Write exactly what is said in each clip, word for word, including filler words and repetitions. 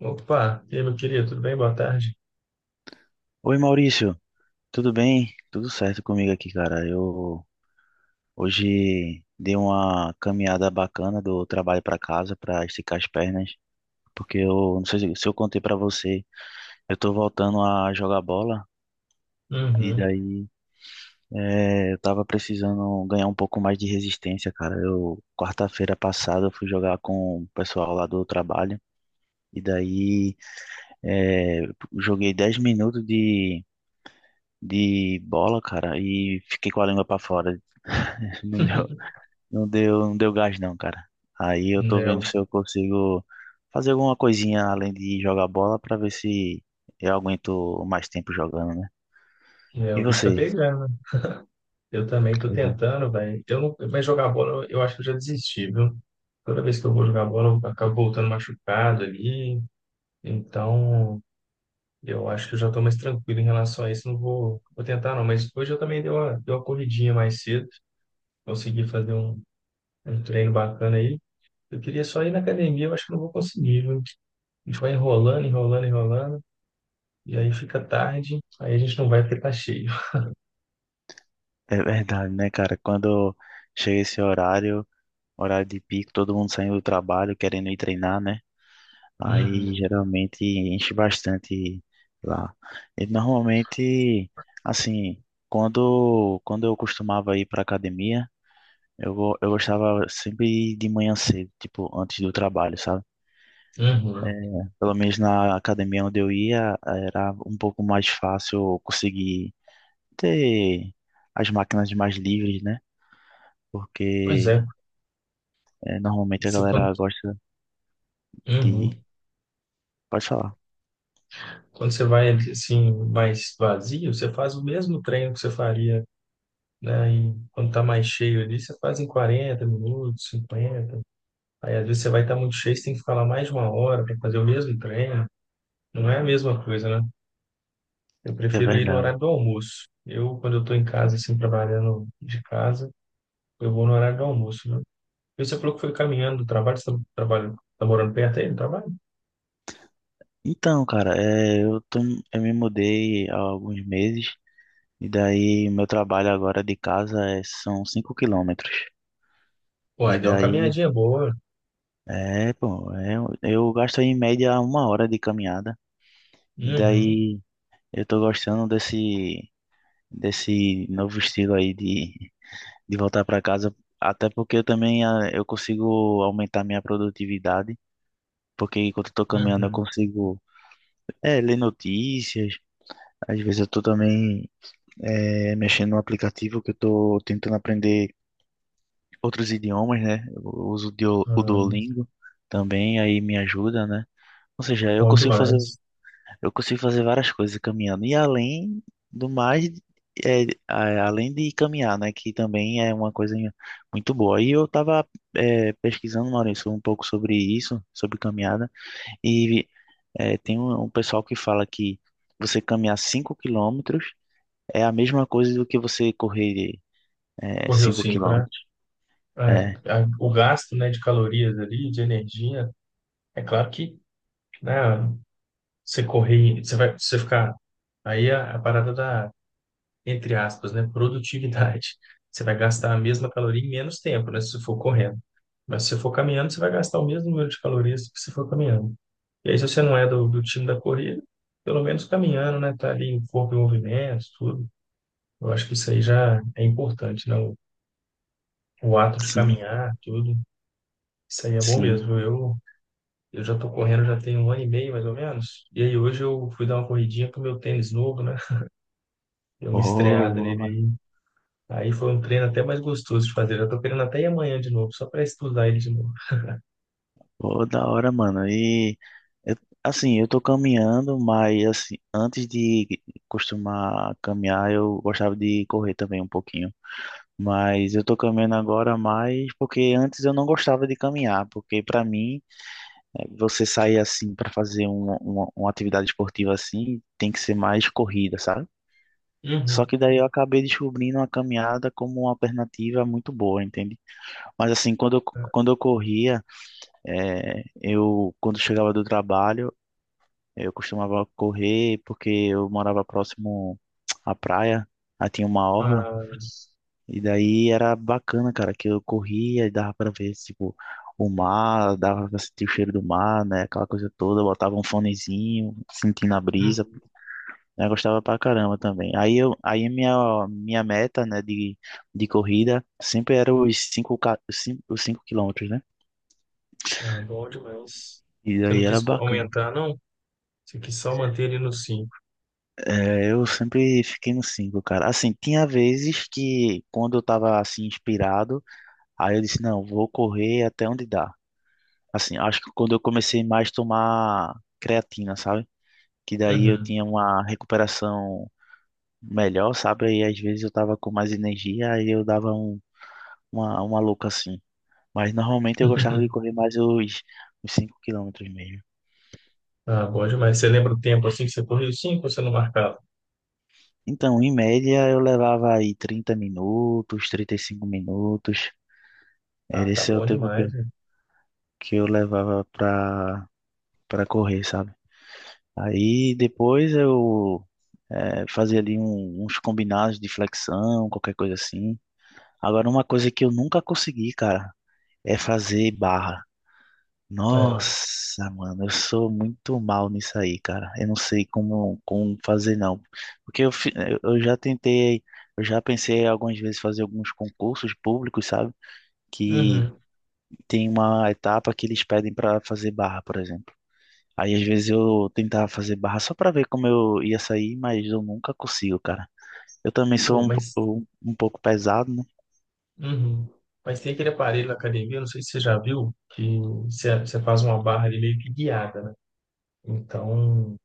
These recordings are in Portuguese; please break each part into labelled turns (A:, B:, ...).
A: Opa, e aí, meu querido, tudo bem? Boa tarde.
B: Oi Maurício, tudo bem? Tudo certo comigo aqui, cara. Eu hoje dei uma caminhada bacana do trabalho para casa para esticar as pernas, porque eu não sei se se eu contei para você, eu tô voltando a jogar bola e
A: Uhum.
B: daí é, eu tava precisando ganhar um pouco mais de resistência, cara. Eu quarta-feira passada eu fui jogar com o pessoal lá do trabalho e daí é, joguei dez minutos de de bola, cara, e fiquei com a língua pra fora. Não deu, não deu, não deu gás não, cara. Aí eu tô
A: É,
B: vendo
A: o,
B: se eu consigo fazer alguma coisinha além de jogar bola pra ver se eu aguento mais tempo jogando, né?
A: é,
B: E
A: o bicho tá
B: você?
A: pegando. Eu também tô
B: Pois é.
A: tentando, velho. Eu não, mas jogar bola, eu acho que eu já desisti, viu? Toda vez que eu vou jogar bola, eu acabo voltando machucado ali. Então, eu acho que eu já tô mais tranquilo em relação a isso. Não vou, vou tentar, não. Mas hoje eu também dei uma, dei uma corridinha mais cedo. Consegui fazer um, um treino bacana aí. Eu queria só ir na academia, eu acho que não vou conseguir, viu? A gente vai enrolando, enrolando, enrolando. E aí fica tarde, aí a gente não vai porque tá cheio.
B: É verdade, né, cara? Quando chega esse horário, horário de pico, todo mundo saindo do trabalho, querendo ir treinar, né?
A: Uhum,
B: Aí geralmente enche bastante lá. E normalmente, assim, quando, quando eu costumava ir para academia, eu, go- eu gostava sempre de ir de manhã cedo, tipo, antes do trabalho, sabe? É,
A: uhum.
B: Pelo menos na academia onde eu ia, era um pouco mais fácil conseguir ter as máquinas mais livres, né?
A: Pois é,
B: Porque é, normalmente a
A: você, quando,
B: galera gosta de
A: uhum.
B: ir. Pode falar,
A: Quando você vai assim mais vazio, você faz o mesmo treino que você faria, né? E quando tá mais cheio ali, você faz em quarenta minutos, cinquenta. Aí às vezes você vai estar muito cheio, você tem que ficar lá mais de uma hora para fazer o mesmo treino. Não é a mesma coisa, né? Eu
B: é
A: prefiro ir no
B: verdade.
A: horário do almoço. Eu, quando eu tô em casa, assim, trabalhando de casa, eu vou no horário do almoço, né? E você falou que foi caminhando do trabalho, você tá, trabalha, tá morando perto aí do trabalho?
B: Então, cara, é, eu tô, eu me mudei há alguns meses e daí meu trabalho agora de casa é- são cinco quilômetros.
A: Uai,
B: E
A: deu uma
B: daí,
A: caminhadinha boa.
B: é, pô, é, eu gasto em média uma hora de caminhada. E
A: Uhum,
B: daí eu tô gostando desse, desse novo estilo aí de, de voltar para casa, até porque eu também ah, eu consigo aumentar minha produtividade, porque enquanto eu tô caminhando eu
A: uhum.
B: consigo, é, ler notícias, às vezes eu tô também é, mexendo no aplicativo que eu estou tentando aprender outros idiomas, né? Eu uso o Dio- o
A: Ah,
B: Duolingo também, aí me ajuda, né? Ou seja, eu
A: bom
B: consigo fazer,
A: demais.
B: eu consigo fazer várias coisas caminhando. E além do mais, é, a- além de caminhar, né? Que também é uma coisa muito boa. E eu estava pesquisando, Maurício, um pouco sobre isso, sobre caminhada. E é, tem um, um pessoal que fala que você caminhar cinco quilômetros é a mesma coisa do que você correr. É,
A: Correu
B: cinco
A: cinco, né?
B: quilômetros.
A: É,
B: É,
A: a- o gasto, né, de calorias ali, de energia, é claro que, né, você correr, você vai, você ficar, aí a, a parada da, entre aspas, né, produtividade. Você vai gastar a mesma caloria em menos tempo, né, se você for correndo. Mas se você for caminhando, você vai gastar o mesmo número de calorias que se for caminhando. E aí, se você não é do, do time da corrida, pelo menos caminhando, né, tá ali o corpo em movimento, tudo. Eu acho que isso aí já é importante, né, o, o ato de
B: sim,
A: caminhar, tudo. Isso aí é bom
B: sim.
A: mesmo. Eu, eu já tô correndo já tem um ano e meio, mais ou menos. E aí, hoje eu fui dar uma corridinha com o meu tênis novo, né, deu uma estreada nele
B: Oh,
A: aí. Aí foi um treino até mais gostoso de fazer. Eu tô querendo até ir amanhã de novo, só para estudar ele de novo.
B: ô, ô, da hora, mano. E, eu- assim, eu tô caminhando, mas, assim, antes de costumar caminhar, eu gostava de correr também um pouquinho. Mas eu tô caminhando agora mais porque antes eu não gostava de caminhar, porque pra mim, eh, você sair assim pra fazer uma, uma, uma atividade esportiva assim, tem que ser mais corrida, sabe? Só
A: Uhum.
B: que daí eu acabei descobrindo a caminhada como uma alternativa muito boa, entende? Mas assim, quando eu, quando eu corria, eh, eu quando chegava do trabalho, eu costumava correr porque eu morava próximo à praia, aí tinha uma orla,
A: Ah,
B: e daí era bacana, cara, que eu corria e dava pra ver, tipo, o mar, dava pra sentir o cheiro do mar, né, aquela coisa toda, eu botava um fonezinho, sentindo a
A: uhum.
B: brisa, né, eu gostava pra caramba também. Aí eu, aí a minha, minha meta, né, de, de corrida sempre era os 5 os cinco quilômetros, né?
A: Ah, bom demais.
B: E
A: Você não
B: aí era
A: quis
B: bacana.
A: aumentar, não? Você quis só manter ele no cinco.
B: É, eu sempre fiquei no cinco cara. Assim, tinha vezes que quando eu tava assim inspirado, aí eu disse, não, vou correr até onde dá. Assim, acho que quando eu comecei mais a tomar creatina, sabe? Que daí eu
A: Uhum.
B: tinha uma recuperação melhor, sabe? Aí às vezes eu tava com mais energia, aí eu dava um, uma, uma louca assim. Mas normalmente eu gostava de correr mais os, os cinco quilômetros mesmo.
A: Ah, bom demais. Você lembra o tempo assim que você correu cinco? Ou você não marcava?
B: Então, em média, eu levava aí trinta minutos, trinta e cinco minutos.
A: Ah,
B: Era
A: tá
B: esse é o
A: bom
B: tempo que
A: demais,
B: eu,
A: né?
B: que eu levava pra, pra correr, sabe? Aí depois eu eh, fazia ali um- uns combinados de flexão, qualquer coisa assim. Agora, uma coisa que eu nunca consegui, cara, é fazer barra.
A: É.
B: Nossa, mano, eu sou muito mal nisso aí, cara. Eu não sei como, como fazer, não. Porque eu, fi- eu eu já tentei, eu já pensei algumas vezes fazer alguns concursos públicos, sabe? Que
A: Uhum.
B: tem uma etapa que eles pedem para fazer barra, por exemplo. Aí às vezes eu tentava fazer barra só para ver como eu ia sair, mas eu nunca consigo, cara. Eu também
A: Pô,
B: sou um, po-
A: mas,
B: um, um pouco pesado, né?
A: uhum. Mas tem aquele aparelho na academia, não sei se você já viu, que você você faz uma barra ali meio que guiada, né? Então,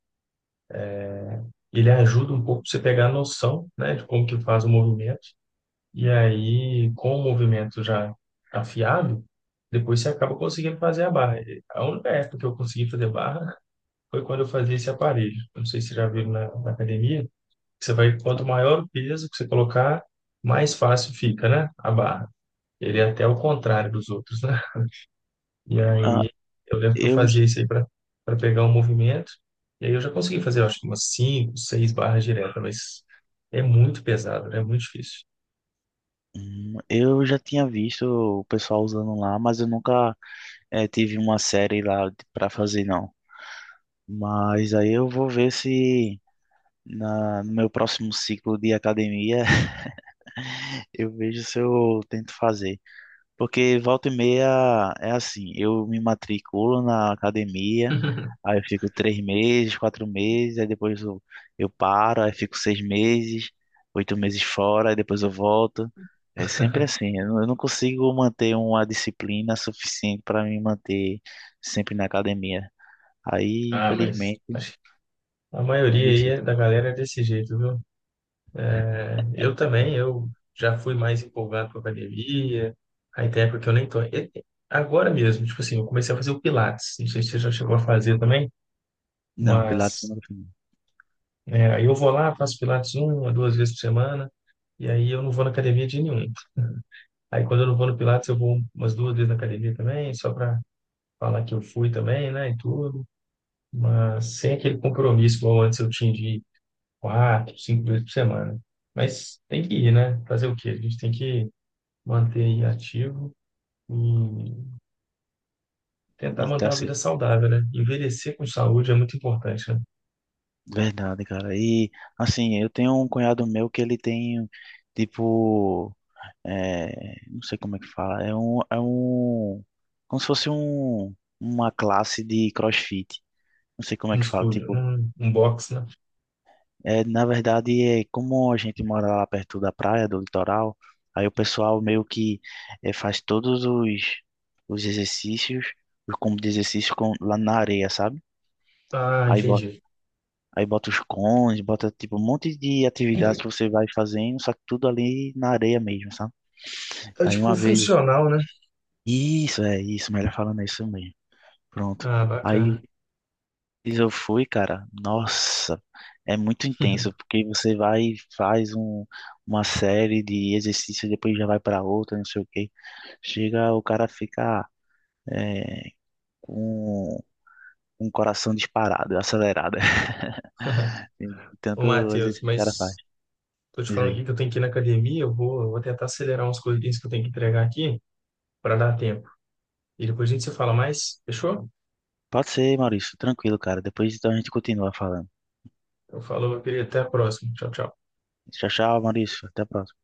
A: ele ajuda um pouco pra você pegar a noção, né, de como que faz o movimento. E aí, com o movimento já afiado, depois você acaba conseguindo fazer a barra. A única época que eu consegui fazer barra foi quando eu fazia esse aparelho. Não sei se vocês já viram na, na academia. Você vai, quanto maior o peso que você colocar, mais fácil fica, né, a barra. Ele é até o contrário dos outros, né? E
B: Ah,
A: aí eu lembro que eu
B: eu,
A: fazia isso aí para para pegar o movimento. E aí eu já consegui fazer, eu acho que umas cinco, seis barras diretas, mas é muito pesado, né? É muito difícil.
B: hum, eu já tinha visto o pessoal usando lá, mas eu nunca eh, tive uma série lá para fazer, não. Mas aí eu vou ver se na, no meu próximo ciclo de academia eu vejo se eu tento fazer. Porque volta e meia é assim, eu me matriculo na academia, aí eu fico três meses, quatro meses, aí depois eu, eu paro, aí fico seis meses, oito meses fora, aí depois eu volto. É sempre assim, eu não eu não consigo manter uma disciplina suficiente para me manter sempre na academia. Aí,
A: Ah, mas
B: infelizmente,
A: acho que a
B: é
A: maioria aí
B: difícil.
A: é- da galera é desse jeito, viu? É, eu também, eu já fui mais empolgado com a academia, aí tem época que eu nem tô. e- e- Agora mesmo, tipo assim, eu comecei a fazer o Pilates, não sei se você já chegou a fazer também,
B: Não, Pilates
A: mas
B: não.
A: é, aí eu vou lá, faço Pilates uma, duas vezes por semana. E aí eu não vou na academia de nenhum. Aí quando eu não vou no Pilates, eu vou umas duas vezes na academia também, só para falar que eu fui também, né, e tudo. Mas sem aquele compromisso igual antes eu tinha de ir quatro, cinco vezes por semana. Mas tem que ir, né? Fazer o quê? A gente tem que manter aí ativo e tentar
B: E
A: manter
B: tá
A: uma
B: se...
A: vida saudável, né? Envelhecer com saúde é muito importante, né?
B: Verdade, cara. E assim, eu tenho um cunhado meu que ele tem, tipo. é, não sei como é que fala, é um, é um, como se fosse um, uma classe de CrossFit, não sei como
A: Um
B: é que fala,
A: estúdio,
B: tipo,
A: um, um box, né?
B: é, na verdade, é como a gente mora lá perto da praia, do litoral, aí o pessoal meio que é, faz todos os, os exercícios, os combos de exercício com, lá na areia, sabe?
A: Ah,
B: Aí bota,
A: entendi.
B: aí bota os cones, bota, tipo, um monte de atividades que você vai fazendo, só que tudo ali na areia mesmo, sabe?
A: É
B: Aí
A: tipo
B: uma vez
A: funcional, né?
B: Isso, é isso, melhor falando é isso mesmo. Pronto.
A: Ah,
B: Aí
A: bacana.
B: eu fui, cara. Nossa, é muito intenso, porque você vai e faz um, uma série de exercícios, depois já vai para outra, não sei o quê. Chega, o cara fica é, com um coração disparado, acelerado. De
A: Ô,
B: tanto
A: Matheus,
B: exercício que o cara faz.
A: mas tô te
B: Isso
A: falando aqui
B: aí.
A: que eu tenho que ir na academia, eu vou, eu vou tentar acelerar umas coisinhas que eu tenho que entregar aqui para dar tempo. E depois a gente se fala mais, fechou?
B: Pode ser, Maurício, tranquilo, cara. Depois então a gente continua falando.
A: Eu falo, meu querido, até a próxima. Tchau, tchau.
B: Tchau, tchau, Maurício. Até a próxima.